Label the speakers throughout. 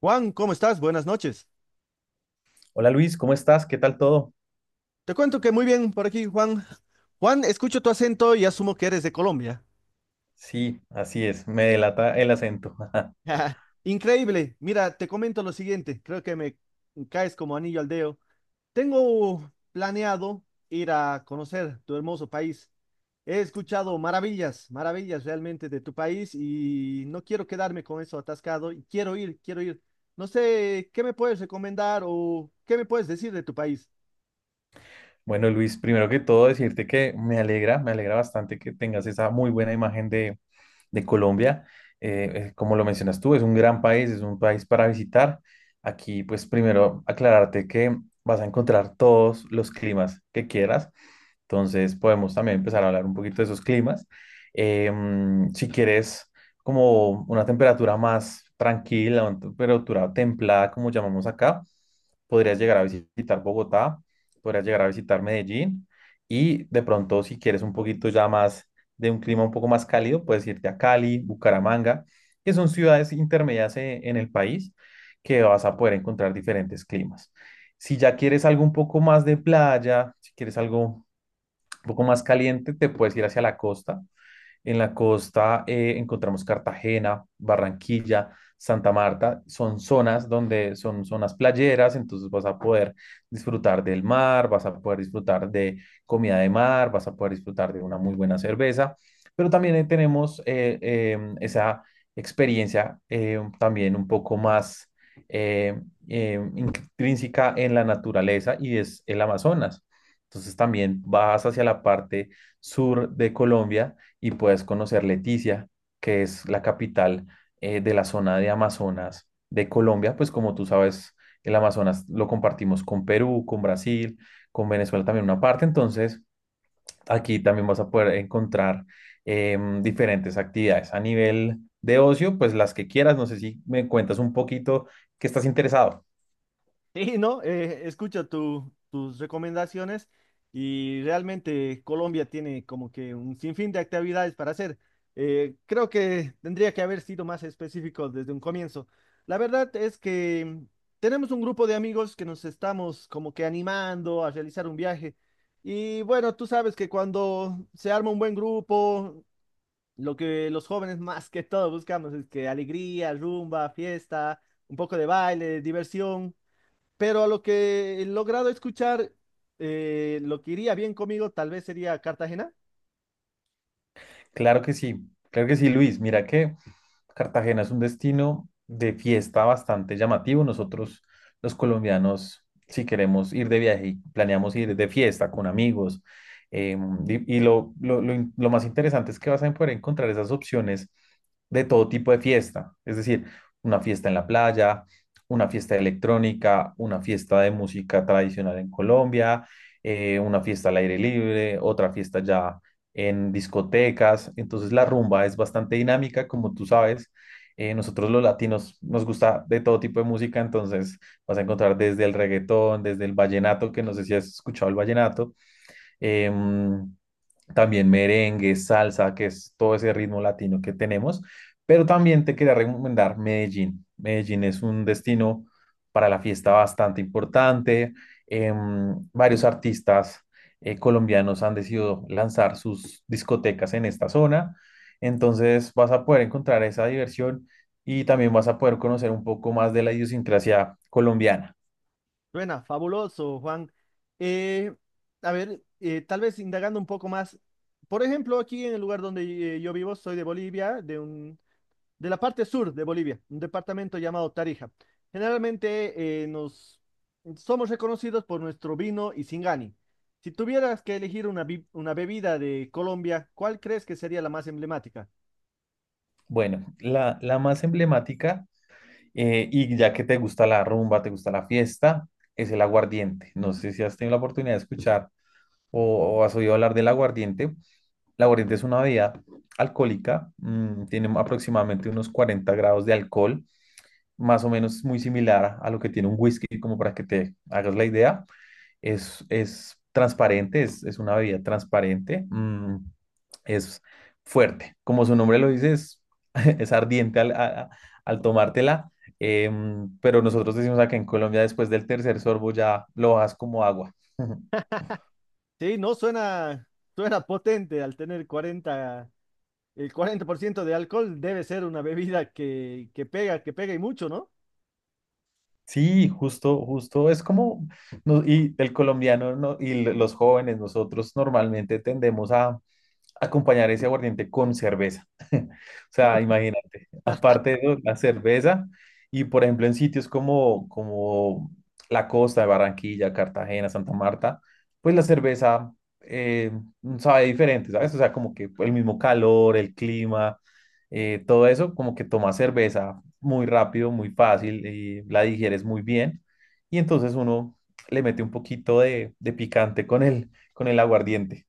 Speaker 1: Juan, ¿cómo estás? Buenas noches.
Speaker 2: Hola Luis, ¿cómo estás? ¿Qué tal todo?
Speaker 1: Te cuento que muy bien por aquí, Juan. Juan, escucho tu acento y asumo que eres de Colombia.
Speaker 2: Sí, así es, me delata el acento.
Speaker 1: Increíble. Mira, te comento lo siguiente. Creo que me caes como anillo al dedo. Tengo planeado ir a conocer tu hermoso país. He escuchado maravillas, maravillas realmente de tu país y no quiero quedarme con eso atascado. Quiero ir, quiero ir. No sé, ¿qué me puedes recomendar o qué me puedes decir de tu país?
Speaker 2: Bueno Luis, primero que todo decirte que me alegra bastante que tengas esa muy buena imagen de Colombia. Como lo mencionas tú, es un gran país, es un país para visitar. Aquí pues primero aclararte que vas a encontrar todos los climas que quieras. Entonces podemos también empezar a hablar un poquito de esos climas. Si quieres como una temperatura más tranquila, una temperatura templada, como llamamos acá, podrías llegar a visitar Bogotá, podrías llegar a visitar Medellín y de pronto si quieres un poquito ya más de un clima un poco más cálido, puedes irte a Cali, Bucaramanga, que son ciudades intermedias en el país que vas a poder encontrar diferentes climas. Si ya quieres algo un poco más de playa, si quieres algo un poco más caliente, te puedes ir hacia la costa, en la costa encontramos Cartagena, Barranquilla, Santa Marta. Son zonas donde son zonas playeras, entonces vas a poder disfrutar del mar, vas a poder disfrutar de comida de mar, vas a poder disfrutar de una muy buena cerveza, pero también ahí tenemos esa experiencia también un poco más eh, intrínseca en la naturaleza y es el Amazonas. Entonces también vas hacia la parte sur de Colombia y puedes conocer Leticia, que es la capital de la zona de Amazonas de Colombia, pues como tú sabes, el Amazonas lo compartimos con Perú, con Brasil, con Venezuela también una parte, entonces aquí también vas a poder encontrar diferentes actividades a nivel de ocio, pues las que quieras, no sé si me cuentas un poquito que estás interesado.
Speaker 1: Sí, no, escucho tus recomendaciones y realmente Colombia tiene como que un sinfín de actividades para hacer. Creo que tendría que haber sido más específico desde un comienzo. La verdad es que tenemos un grupo de amigos que nos estamos como que animando a realizar un viaje. Y bueno, tú sabes que cuando se arma un buen grupo, lo que los jóvenes más que todo buscamos es que alegría, rumba, fiesta, un poco de baile, diversión. Pero a lo que he logrado escuchar, lo que iría bien conmigo tal vez sería Cartagena.
Speaker 2: Claro que sí, claro que sí, Luis, mira que Cartagena es un destino de fiesta bastante llamativo. Nosotros, los colombianos, si queremos ir de viaje, y planeamos ir de fiesta con amigos. eh, y lo más interesante es que vas a poder encontrar esas opciones de todo tipo de fiesta. Es decir, una fiesta en la playa, una fiesta electrónica, una fiesta de música tradicional en Colombia, una fiesta al aire libre, otra fiesta ya en discotecas. Entonces la rumba es bastante dinámica, como tú sabes. Nosotros los latinos nos gusta de todo tipo de música, entonces vas a encontrar desde el reggaetón, desde el vallenato, que no sé si has escuchado el vallenato, em, también merengue, salsa, que es todo ese ritmo latino que tenemos. Pero también te quería recomendar Medellín. Medellín es un destino para la fiesta bastante importante. Varios artistas colombianos han decidido lanzar sus discotecas en esta zona. Entonces vas a poder encontrar esa diversión y también vas a poder conocer un poco más de la idiosincrasia colombiana.
Speaker 1: Buena, fabuloso, Juan. Eh, a ver, tal vez indagando un poco más. Por ejemplo, aquí en el lugar donde yo vivo, soy de Bolivia, de la parte sur de Bolivia, un departamento llamado Tarija. Generalmente nos somos reconocidos por nuestro vino y Singani. Si tuvieras que elegir una, una bebida de Colombia, ¿cuál crees que sería la más emblemática?
Speaker 2: Bueno, la más emblemática, y ya que te gusta la rumba, te gusta la fiesta, es el aguardiente. No sé si has tenido la oportunidad de escuchar o has oído hablar del aguardiente. El aguardiente es una bebida alcohólica, tiene aproximadamente unos 40 grados de alcohol, más o menos muy similar a lo que tiene un whisky, como para que te hagas la idea. Es transparente, es una bebida transparente. Es fuerte. Como su nombre lo dice, es ardiente al tomártela, pero nosotros decimos acá en Colombia, después del tercer sorbo ya lo bajas como agua.
Speaker 1: Sí, no, suena, suena potente al tener 40% de alcohol. Debe ser una bebida que pega y mucho, ¿no?
Speaker 2: Sí, justo, justo, es como, no, y el colombiano no, y los jóvenes, nosotros normalmente tendemos a, acompañar ese aguardiente con cerveza. O sea, imagínate, aparte de eso, la cerveza y por ejemplo en sitios como la costa de Barranquilla, Cartagena, Santa Marta, pues la cerveza eh, sabe diferente, ¿sabes? O sea, como que el mismo calor, el clima, todo eso, como que tomas cerveza muy rápido, muy fácil y la digieres muy bien y entonces uno le mete un poquito de picante con el aguardiente.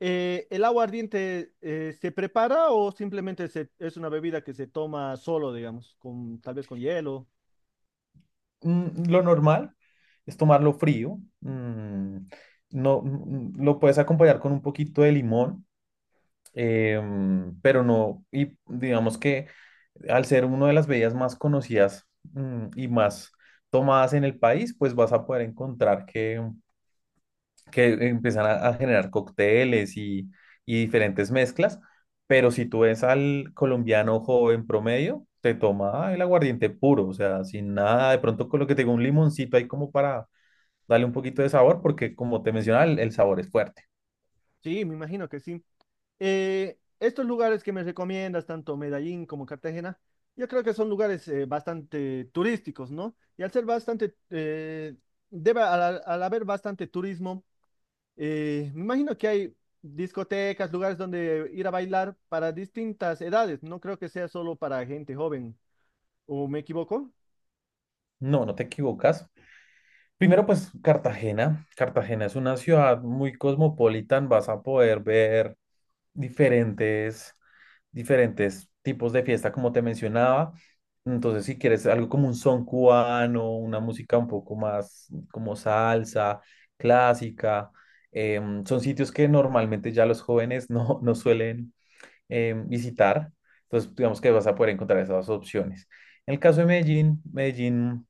Speaker 1: ¿El agua ardiente se prepara o simplemente es una bebida que se toma solo, digamos, con, tal vez con hielo?
Speaker 2: Lo normal es tomarlo frío. No, lo puedes acompañar con un poquito de limón, pero no, y digamos que al ser una de las bebidas más conocidas, y más tomadas en el país, pues vas a poder encontrar que empiezan a generar cócteles y diferentes mezclas. Pero si tú ves al colombiano joven promedio, te toma el aguardiente puro, o sea, sin nada, de pronto con lo que te digo, un limoncito ahí como para dale un poquito de sabor porque, como te mencionaba, el sabor es fuerte.
Speaker 1: Sí, me imagino que sí. Estos lugares que me recomiendas, tanto Medellín como Cartagena, yo creo que son lugares bastante turísticos, ¿no? Y al ser bastante, al haber bastante turismo, me imagino que hay discotecas, lugares donde ir a bailar para distintas edades. No creo que sea solo para gente joven. ¿O me equivoco?
Speaker 2: No, no te equivocas. Primero, pues Cartagena. Cartagena es una ciudad muy cosmopolita. Vas a poder ver diferentes, diferentes tipos de fiesta, como te mencionaba. Entonces, si quieres algo como un son cubano, una música un poco más como salsa, clásica, son sitios que normalmente ya los jóvenes no, no suelen visitar. Entonces, digamos que vas a poder encontrar esas opciones. En el caso de Medellín, Medellín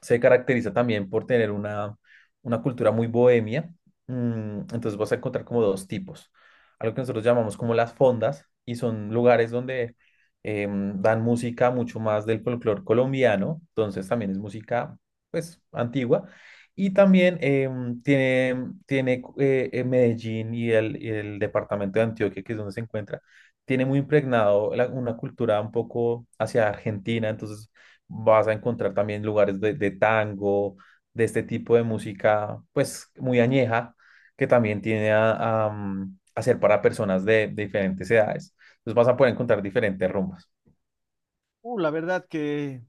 Speaker 2: se caracteriza también por tener una cultura muy bohemia. Entonces vas a encontrar como dos tipos. Algo que nosotros llamamos como las fondas y son lugares donde dan música mucho más del folclore colombiano. Entonces también es música pues antigua. Y también tiene Medellín y el departamento de Antioquia, que es donde se encuentra, tiene muy impregnado una cultura un poco hacia Argentina. Entonces vas a encontrar también lugares de tango, de este tipo de música, pues muy añeja, que también tiene a ser para personas de diferentes edades. Entonces vas a poder encontrar diferentes rumbas.
Speaker 1: La verdad que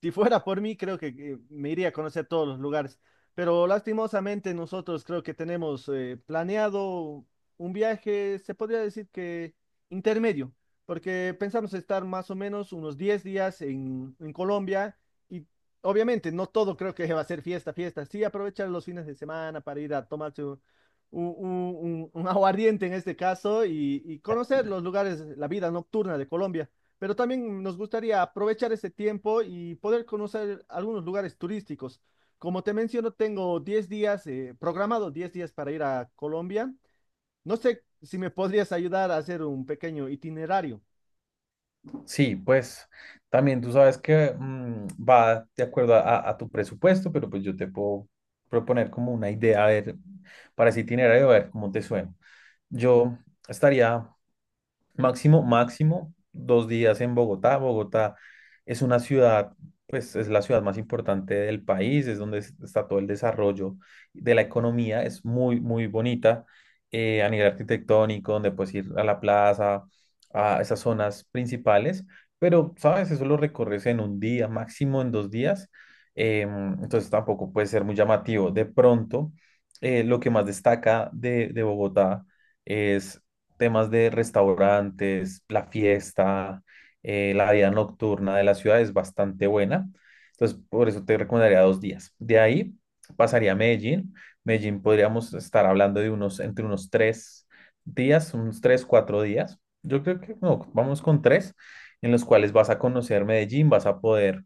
Speaker 1: si fuera por mí, creo que me iría a conocer todos los lugares, pero lastimosamente nosotros creo que tenemos planeado un viaje, se podría decir que intermedio, porque pensamos estar más o menos unos 10 días en Colombia y obviamente no todo creo que va a ser fiesta, fiesta, sí aprovechar los fines de semana para ir a tomarse un aguardiente en este caso y conocer los lugares, la vida nocturna de Colombia, pero también nos gustaría aprovechar ese tiempo y poder conocer algunos lugares turísticos. Como te menciono, tengo 10 días, programado 10 días para ir a Colombia. No sé si me podrías ayudar a hacer un pequeño itinerario.
Speaker 2: Sí, pues también tú sabes que va de acuerdo a tu presupuesto, pero pues yo te puedo proponer como una idea, a ver, para ese itinerario, a ver cómo te suena. Yo estaría Máximo, máximo, 2 días en Bogotá. Bogotá es una ciudad, pues es la ciudad más importante del país, es donde está todo el desarrollo de la economía, es muy, muy bonita a nivel arquitectónico, donde puedes ir a la plaza, a esas zonas principales, pero, ¿sabes? Eso lo recorres en un día, máximo en 2 días, entonces tampoco puede ser muy llamativo. De pronto, lo que más destaca de Bogotá es temas de restaurantes, la fiesta. La vida nocturna de la ciudad es bastante buena. Entonces, por eso te recomendaría 2 días. De ahí pasaría a Medellín. Medellín podríamos estar hablando de entre unos 3 días, unos tres, cuatro días. Yo creo que no, vamos con tres, en los cuales vas a conocer Medellín, vas a poder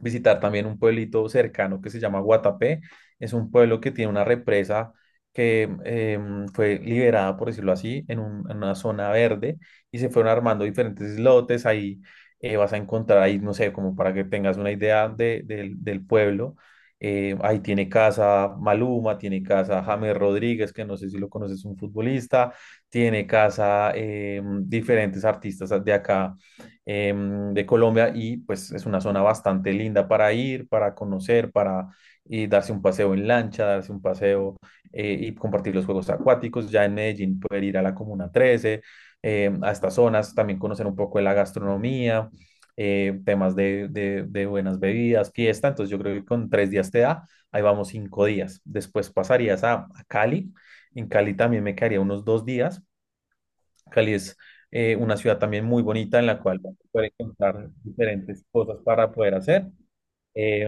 Speaker 2: visitar también un pueblito cercano que se llama Guatapé. Es un pueblo que tiene una represa que fue liberada, por decirlo así, en una zona verde y se fueron armando diferentes islotes. Ahí vas a encontrar, ahí no sé, como para que tengas una idea del pueblo. Ahí tiene casa Maluma, tiene casa James Rodríguez, que no sé si lo conoces, un futbolista, tiene casa diferentes artistas de acá eh, de Colombia y pues es una zona bastante linda para ir, para conocer, para darse un paseo en lancha, darse un paseo y compartir los juegos acuáticos. Ya en Medellín poder ir a la Comuna 13, a estas zonas, también conocer un poco de la gastronomía, temas de buenas bebidas, fiesta. Entonces yo creo que con 3 días te da, ahí vamos 5 días. Después pasarías a Cali. En Cali también me quedaría unos 2 días. Cali es una ciudad también muy bonita en la cual vas a poder encontrar diferentes cosas para poder hacer. Eh,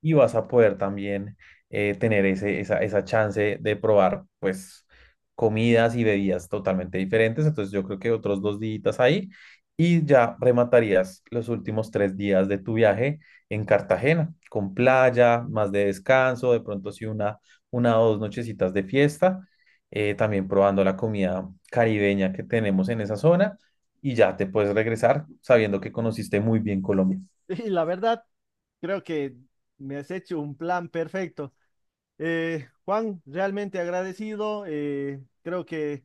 Speaker 2: y vas a poder también tener esa chance de probar, pues, comidas y bebidas totalmente diferentes. Entonces, yo creo que otros 2 días ahí y ya rematarías los últimos 3 días de tu viaje en Cartagena, con playa, más de descanso, de pronto sí una o dos nochecitas de fiesta, también probando la comida caribeña que tenemos en esa zona. Y ya te puedes regresar sabiendo que conociste muy bien Colombia.
Speaker 1: Y la verdad, creo que me has hecho un plan perfecto. Juan, realmente agradecido. Creo que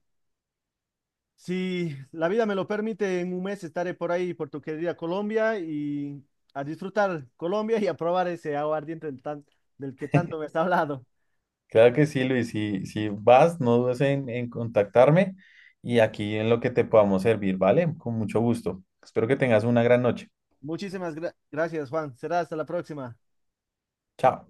Speaker 1: Si la vida me lo permite, en 1 mes estaré por ahí, por tu querida Colombia, y a disfrutar Colombia y a probar ese aguardiente del que tanto me has hablado.
Speaker 2: Claro que sí, Luis. Si vas, no dudes en contactarme y aquí en lo que te podamos servir, ¿vale? Con mucho gusto. Espero que tengas una gran noche.
Speaker 1: Muchísimas gracias, Juan. Será hasta la próxima.
Speaker 2: Chao.